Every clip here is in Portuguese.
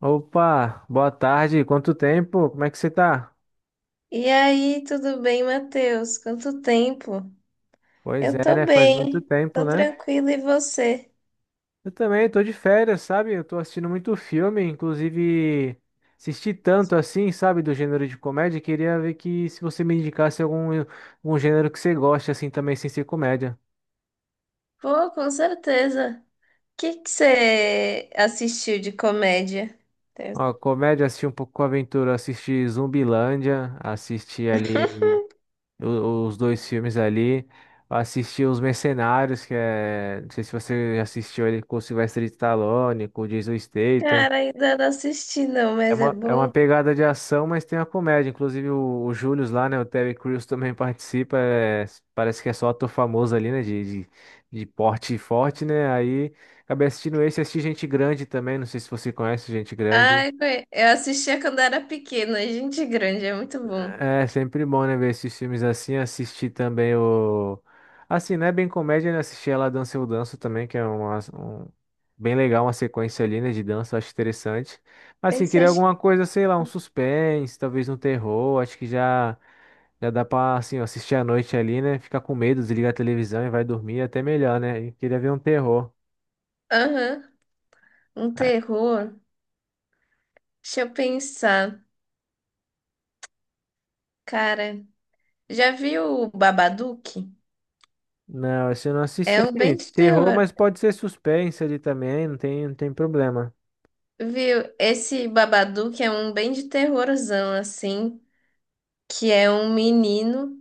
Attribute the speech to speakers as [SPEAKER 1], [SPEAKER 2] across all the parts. [SPEAKER 1] Opa, boa tarde. Quanto tempo? Como é que você tá?
[SPEAKER 2] E aí, tudo bem, Matheus? Quanto tempo?
[SPEAKER 1] Pois
[SPEAKER 2] Eu
[SPEAKER 1] é,
[SPEAKER 2] tô
[SPEAKER 1] né? Faz muito
[SPEAKER 2] bem,
[SPEAKER 1] tempo,
[SPEAKER 2] tô
[SPEAKER 1] né?
[SPEAKER 2] tranquila e você?
[SPEAKER 1] Eu também tô de férias, sabe? Eu tô assistindo muito filme, inclusive assisti tanto assim, sabe, do gênero de comédia. Queria ver que se você me indicasse algum, algum gênero que você goste assim também, sem ser comédia.
[SPEAKER 2] Pô, com certeza. O que que você assistiu de comédia?
[SPEAKER 1] Ó, comédia, assisti um pouco com aventura, assisti Zumbilândia, assisti ali os dois filmes ali. Assisti Os Mercenários, que é. Não sei se você já assistiu ele com o Sylvester Stallone, com o Jason Statham.
[SPEAKER 2] Cara, ainda não assisti não,
[SPEAKER 1] É
[SPEAKER 2] mas é
[SPEAKER 1] uma, é uma
[SPEAKER 2] bom.
[SPEAKER 1] pegada de ação, mas tem a comédia. Inclusive o Julius lá, né? O Terry Crews também participa. Parece que é só ator famoso ali, né? De porte forte, né? Aí acabei assistindo esse, assisti Gente Grande também. Não sei se você conhece Gente Grande.
[SPEAKER 2] Ai, eu assistia quando era pequena, gente grande, é muito bom.
[SPEAKER 1] É sempre bom, né, ver esses filmes assim, assistir também o... Assim, né bem comédia, né, assistir Ela Dança Eu Danço também, que é uma, bem legal, uma sequência ali, né, de dança, eu acho interessante. Assim,
[SPEAKER 2] Esse
[SPEAKER 1] queria
[SPEAKER 2] acho que...
[SPEAKER 1] alguma coisa, sei lá, um suspense, talvez um terror, acho que já, já dá pra, assim, ó, assistir à noite ali, né, ficar com medo, desligar a televisão e vai dormir, é até melhor, né, e queria ver um terror.
[SPEAKER 2] Aham, um
[SPEAKER 1] Ah,
[SPEAKER 2] terror. Deixa eu pensar. Cara, já viu o Babadook?
[SPEAKER 1] não, assim, eu não assisti,
[SPEAKER 2] É um
[SPEAKER 1] assim,
[SPEAKER 2] bem de
[SPEAKER 1] terror,
[SPEAKER 2] terror.
[SPEAKER 1] mas pode ser suspense ali também, não tem, não tem problema.
[SPEAKER 2] Viu? Esse Babadook é um bem de terrorzão, assim, que é um menino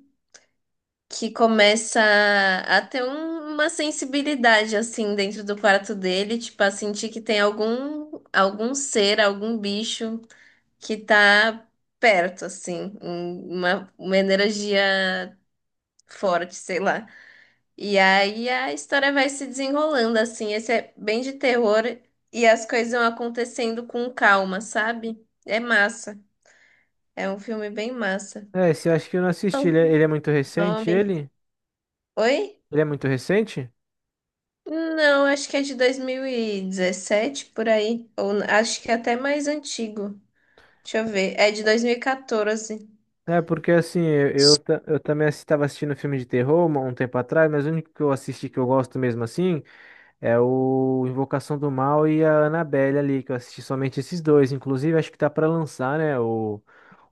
[SPEAKER 2] que começa a ter uma sensibilidade, assim, dentro do quarto dele, tipo, a sentir que tem algum, algum ser, algum bicho que tá perto, assim, uma energia forte, sei lá. E aí a história vai se desenrolando, assim, esse é bem de terror e as coisas vão acontecendo com calma, sabe? É massa. É um filme bem massa.
[SPEAKER 1] É, esse eu acho que eu não assisti. Ele é muito recente,
[SPEAKER 2] Nome.
[SPEAKER 1] ele?
[SPEAKER 2] Oi?
[SPEAKER 1] Ele é muito recente?
[SPEAKER 2] Não, acho que é de 2017, por aí. Ou acho que é até mais antigo. Deixa eu ver. É de 2014.
[SPEAKER 1] É, porque assim, eu também estava assistindo um filme de terror um tempo atrás, mas o único que eu assisti que eu gosto mesmo assim é o Invocação do Mal e a Annabelle ali, que eu assisti somente esses dois. Inclusive, acho que tá pra lançar, né?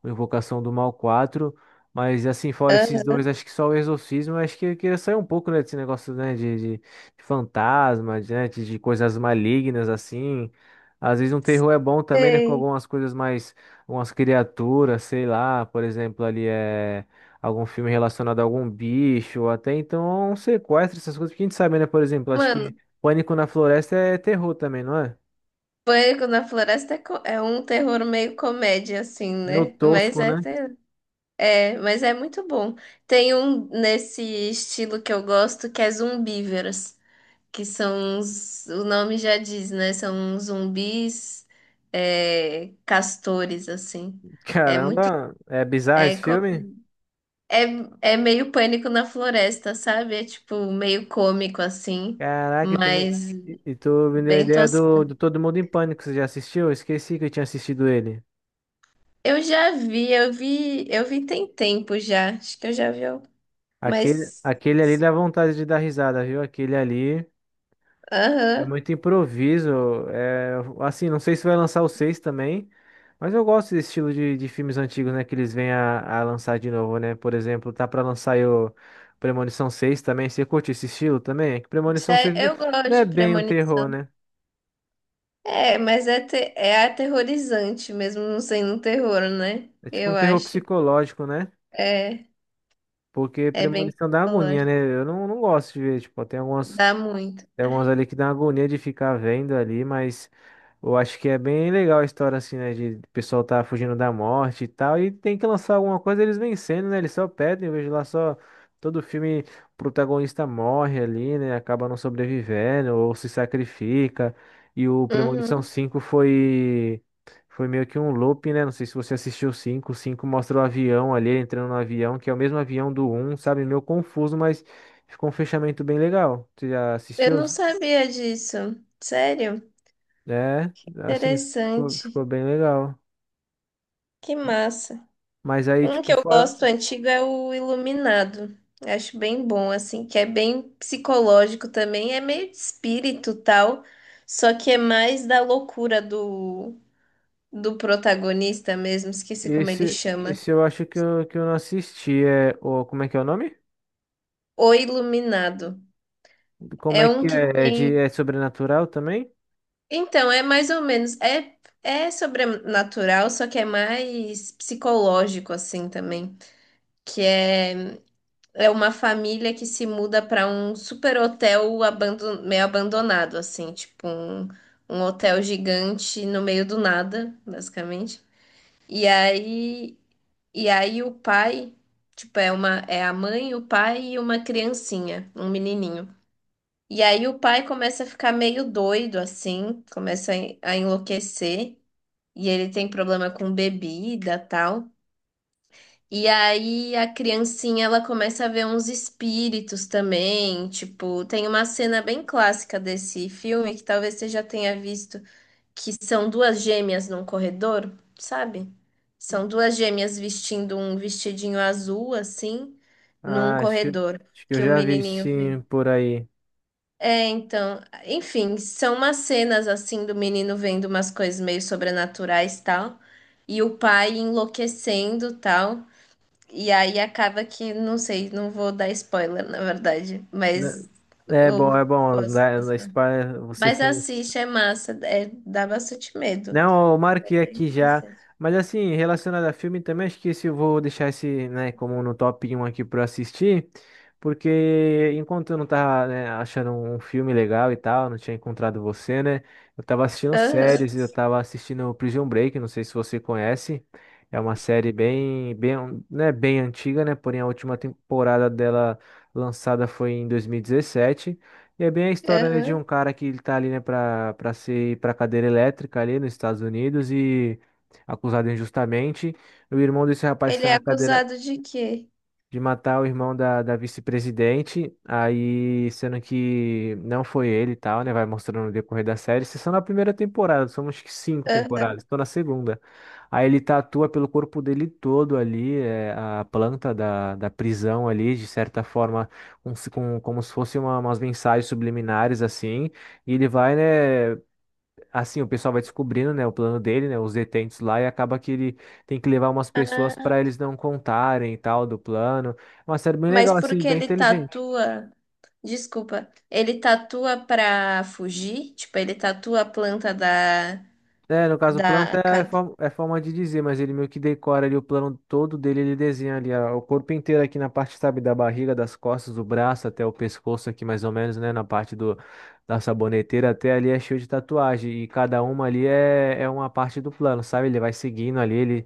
[SPEAKER 1] O Invocação do Mal 4. Mas assim, fora esses
[SPEAKER 2] Aham.
[SPEAKER 1] dois, acho que só o Exorcismo, acho que eu queria sair um pouco, né, desse negócio, né, de fantasma, de, né, de coisas malignas, assim. Às vezes um terror é bom também, né, com
[SPEAKER 2] Sei.
[SPEAKER 1] algumas coisas mais, umas criaturas, sei lá, por exemplo, ali é algum filme relacionado a algum bicho, ou até então um sequestro, essas coisas, porque a gente sabe, né, por exemplo, acho
[SPEAKER 2] Mano,
[SPEAKER 1] que Pânico na Floresta é terror também, não é?
[SPEAKER 2] Pânico na Floresta é é um terror meio comédia, assim,
[SPEAKER 1] Meu
[SPEAKER 2] né? Mas
[SPEAKER 1] tosco,
[SPEAKER 2] é,
[SPEAKER 1] né?
[SPEAKER 2] é, mas é muito bom. Tem um nesse estilo que eu gosto que é Zumbíveros, que são os, o nome já diz, né? São zumbis, é, castores, assim. É muito.
[SPEAKER 1] Caramba, é bizarro
[SPEAKER 2] É,
[SPEAKER 1] esse filme?
[SPEAKER 2] é, é meio pânico na floresta, sabe? É tipo meio cômico, assim,
[SPEAKER 1] Caraca,
[SPEAKER 2] mas
[SPEAKER 1] e tu me deu a
[SPEAKER 2] bem
[SPEAKER 1] ideia
[SPEAKER 2] tosco.
[SPEAKER 1] do Todo Mundo em Pânico, você já assistiu? Eu esqueci que eu tinha assistido ele.
[SPEAKER 2] Eu já vi, eu vi, eu vi tem tempo já. Acho que eu já vi, al-
[SPEAKER 1] Aquele,
[SPEAKER 2] mas.
[SPEAKER 1] aquele ali dá vontade de dar risada, viu? Aquele ali. É
[SPEAKER 2] Aham.
[SPEAKER 1] muito improviso. É, assim, não sei se vai lançar o 6 também, mas eu gosto desse estilo de filmes antigos, né? Que eles vêm a lançar de novo, né? Por exemplo, tá pra lançar aí o Premonição 6 também. Você curte esse estilo também? É que Premonição 6
[SPEAKER 2] Eu
[SPEAKER 1] não
[SPEAKER 2] gosto
[SPEAKER 1] é
[SPEAKER 2] de
[SPEAKER 1] bem um terror,
[SPEAKER 2] premonição.
[SPEAKER 1] né?
[SPEAKER 2] É, mas é, é aterrorizante mesmo não sendo um terror, né?
[SPEAKER 1] É tipo um
[SPEAKER 2] Eu
[SPEAKER 1] terror
[SPEAKER 2] acho.
[SPEAKER 1] psicológico, né?
[SPEAKER 2] É.
[SPEAKER 1] Porque
[SPEAKER 2] É bem
[SPEAKER 1] Premonição dá agonia, né?
[SPEAKER 2] psicológico.
[SPEAKER 1] Eu não, não gosto de ver. Tipo, tem algumas.
[SPEAKER 2] Dá muito.
[SPEAKER 1] Tem algumas
[SPEAKER 2] Ai.
[SPEAKER 1] ali que dá uma agonia de ficar vendo ali, mas eu acho que é bem legal a história assim, né? De o pessoal tá fugindo da morte e tal. E tem que lançar alguma coisa, eles vencendo, né? Eles só pedem, eu vejo lá só todo filme, o protagonista morre ali, né? Acaba não sobrevivendo ou se sacrifica. E o Premonição
[SPEAKER 2] Uhum.
[SPEAKER 1] 5 foi. Foi meio que um loop, né? Não sei se você assistiu o cinco. O 5 mostra o avião ali, ele entrando no avião, que é o mesmo avião do um, sabe? Meio confuso, mas ficou um fechamento bem legal. Você já
[SPEAKER 2] Eu
[SPEAKER 1] assistiu?
[SPEAKER 2] não sabia disso. Sério?
[SPEAKER 1] É, assim, ficou,
[SPEAKER 2] Interessante.
[SPEAKER 1] ficou bem legal.
[SPEAKER 2] Que massa.
[SPEAKER 1] Mas aí,
[SPEAKER 2] Um que
[SPEAKER 1] tipo,
[SPEAKER 2] eu
[SPEAKER 1] fora.
[SPEAKER 2] gosto antigo é o Iluminado. Eu acho bem bom, assim, que é bem psicológico também. É meio de espírito tal, só que é mais da loucura do, do protagonista mesmo. Esqueci como ele
[SPEAKER 1] Esse,
[SPEAKER 2] chama.
[SPEAKER 1] esse eu acho que eu não assisti. É, o, como é que é o nome?
[SPEAKER 2] O Iluminado.
[SPEAKER 1] Como
[SPEAKER 2] É
[SPEAKER 1] é
[SPEAKER 2] um
[SPEAKER 1] que
[SPEAKER 2] que
[SPEAKER 1] é? É, de,
[SPEAKER 2] tem.
[SPEAKER 1] é sobrenatural também?
[SPEAKER 2] Então, é mais ou menos. É, é sobrenatural, só que é mais psicológico, assim, também. Que é, é uma família que se muda para um super hotel abandon, meio abandonado, assim, tipo um, um hotel gigante no meio do nada, basicamente. E aí, e aí o pai, tipo, é uma, é a mãe, o pai e uma criancinha, um menininho. E aí o pai começa a ficar meio doido assim, começa a enlouquecer e ele tem problema com bebida, tal. E aí a criancinha ela começa a ver uns espíritos também, tipo, tem uma cena bem clássica desse filme que talvez você já tenha visto, que são duas gêmeas num corredor, sabe? São duas gêmeas vestindo um vestidinho azul assim, num
[SPEAKER 1] Ah,
[SPEAKER 2] corredor
[SPEAKER 1] acho que eu
[SPEAKER 2] que o
[SPEAKER 1] já vi
[SPEAKER 2] menininho vê.
[SPEAKER 1] sim por aí.
[SPEAKER 2] É, então, enfim, são umas cenas assim do menino vendo umas coisas meio sobrenaturais tal, e o pai enlouquecendo tal. E aí acaba que, não sei, não vou dar spoiler, na verdade,
[SPEAKER 1] Da-
[SPEAKER 2] mas
[SPEAKER 1] é
[SPEAKER 2] eu
[SPEAKER 1] bom, é bom.
[SPEAKER 2] posso
[SPEAKER 1] Da
[SPEAKER 2] passar.
[SPEAKER 1] Spy, você
[SPEAKER 2] Mas
[SPEAKER 1] foi.
[SPEAKER 2] assiste, é massa, é, dá bastante medo.
[SPEAKER 1] Não, ó, eu
[SPEAKER 2] Mas
[SPEAKER 1] marquei
[SPEAKER 2] é
[SPEAKER 1] aqui já.
[SPEAKER 2] interessante.
[SPEAKER 1] Mas assim, relacionado a filme também, acho que esse eu vou deixar esse, né, como no top 1 aqui pra assistir. Porque enquanto eu não tava, né, achando um filme legal e tal, não tinha encontrado você, né? Eu tava assistindo
[SPEAKER 2] Aham,
[SPEAKER 1] séries, eu tava assistindo Prison Break, não sei se você conhece. É uma série né, bem antiga, né? Porém, a última temporada dela lançada foi em 2017. E é bem a história, né, de um
[SPEAKER 2] aham.
[SPEAKER 1] cara que ele tá ali, né, pra ser pra cadeira elétrica ali nos Estados Unidos e acusado injustamente. O irmão desse rapaz que
[SPEAKER 2] Ele
[SPEAKER 1] tá
[SPEAKER 2] é
[SPEAKER 1] na cadeira,
[SPEAKER 2] acusado de quê?
[SPEAKER 1] de matar o irmão da vice-presidente, aí sendo que não foi ele e tal, né? Vai mostrando no decorrer da série. Isso é só na primeira temporada, são somos que cinco
[SPEAKER 2] Aham.
[SPEAKER 1] temporadas, tô na segunda. Aí ele tatua pelo corpo dele todo ali, é, a planta da prisão ali, de certa forma, com, como se fosse umas mensagens subliminares assim. E ele vai, né? Assim, o pessoal vai descobrindo, né, o plano dele, né, os detentos lá, e acaba que ele tem que levar umas pessoas
[SPEAKER 2] Ah,
[SPEAKER 1] para eles não contarem e tal do plano. É uma série bem
[SPEAKER 2] mas
[SPEAKER 1] legal, assim,
[SPEAKER 2] porque
[SPEAKER 1] bem
[SPEAKER 2] ele
[SPEAKER 1] inteligente.
[SPEAKER 2] tatua. Desculpa, ele tatua pra fugir? Tipo, ele tatua a planta da,
[SPEAKER 1] É, no caso, o plano
[SPEAKER 2] da... ca-
[SPEAKER 1] é forma de dizer, mas ele meio que decora ali o plano todo dele, ele desenha ali ó, o corpo inteiro aqui na parte, sabe, da barriga, das costas, do braço até o pescoço aqui mais ou menos, né, na parte do, da saboneteira até ali é cheio de tatuagem e cada uma ali é, é uma parte do plano, sabe? Ele vai seguindo ali, ele.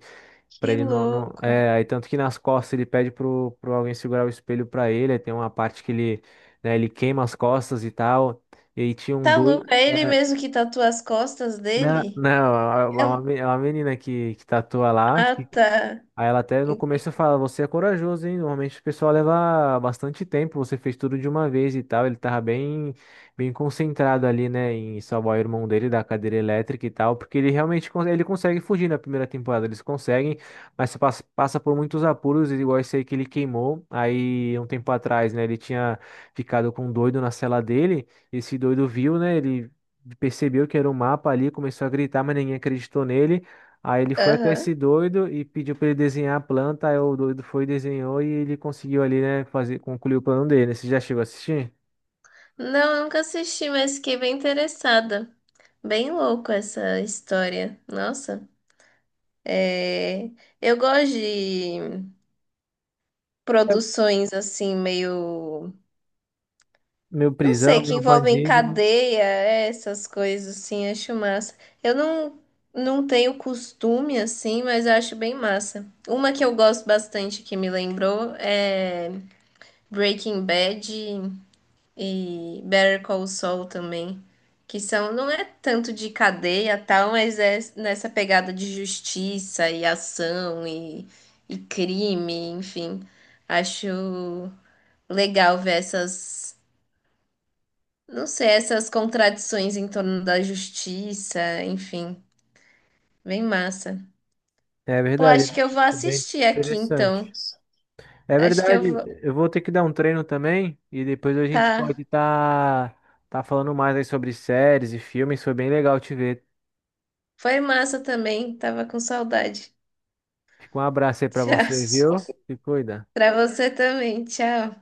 [SPEAKER 1] Pra
[SPEAKER 2] Que
[SPEAKER 1] ele não, não-
[SPEAKER 2] louco.
[SPEAKER 1] é, aí tanto que nas costas ele pede pro alguém segurar o espelho pra ele. Aí tem uma parte que ele, né, ele queima as costas e tal. E aí tinha um
[SPEAKER 2] Tá
[SPEAKER 1] dois.
[SPEAKER 2] louco? É ele
[SPEAKER 1] É,
[SPEAKER 2] mesmo que tatua as costas
[SPEAKER 1] não,
[SPEAKER 2] dele?
[SPEAKER 1] não,
[SPEAKER 2] É um-
[SPEAKER 1] é uma menina que tatua lá.
[SPEAKER 2] Ah, tá.
[SPEAKER 1] Aí ela até no começo
[SPEAKER 2] Entendi.
[SPEAKER 1] fala, você é corajoso, hein? Normalmente o pessoal leva bastante tempo, você fez tudo de uma vez e tal. Bem concentrado ali, né, em salvar o irmão dele da cadeira elétrica e tal, porque ele realmente ele consegue fugir na primeira temporada, eles conseguem, mas você passa, passa por muitos apuros, igual esse aí que ele queimou. Aí um tempo atrás, né, ele tinha ficado com um doido na cela dele, esse doido viu, né, ele percebeu que era um mapa ali, começou a gritar, mas ninguém acreditou nele. Aí ele foi até esse
[SPEAKER 2] Aham.
[SPEAKER 1] doido e pediu para ele desenhar a planta. Aí o doido foi, desenhou e ele conseguiu ali, né, fazer, concluir o plano dele, né? Você já chegou a assistir?
[SPEAKER 2] Não, nunca assisti, mas fiquei bem interessada. Bem louco essa história. Nossa. É... Eu gosto de
[SPEAKER 1] É,
[SPEAKER 2] produções assim, meio.
[SPEAKER 1] meu
[SPEAKER 2] Não
[SPEAKER 1] prisão,
[SPEAKER 2] sei, que
[SPEAKER 1] meu
[SPEAKER 2] envolvem
[SPEAKER 1] bandido.
[SPEAKER 2] cadeia, é, essas coisas assim, acho massa. Eu não, não tenho costume assim, mas eu acho bem massa. Uma que eu gosto bastante que me lembrou é Breaking Bad e Better Call Saul também, que são, não é tanto de cadeia tal, mas é nessa pegada de justiça e ação e crime, enfim. Acho legal ver essas, não sei, essas contradições em torno da justiça, enfim, bem massa.
[SPEAKER 1] É
[SPEAKER 2] Pô,
[SPEAKER 1] verdade,
[SPEAKER 2] acho que eu vou
[SPEAKER 1] é bem
[SPEAKER 2] assistir aqui então.
[SPEAKER 1] interessante. É
[SPEAKER 2] Acho que eu
[SPEAKER 1] verdade,
[SPEAKER 2] vou.
[SPEAKER 1] eu vou ter que dar um treino também e depois a gente
[SPEAKER 2] Tá.
[SPEAKER 1] pode estar tá, tá falando mais aí sobre séries e filmes. Foi bem legal te ver.
[SPEAKER 2] Foi massa também, tava com saudade.
[SPEAKER 1] Fica um abraço aí pra você,
[SPEAKER 2] Tchau.
[SPEAKER 1] viu? Se cuida.
[SPEAKER 2] Pra você também, tchau.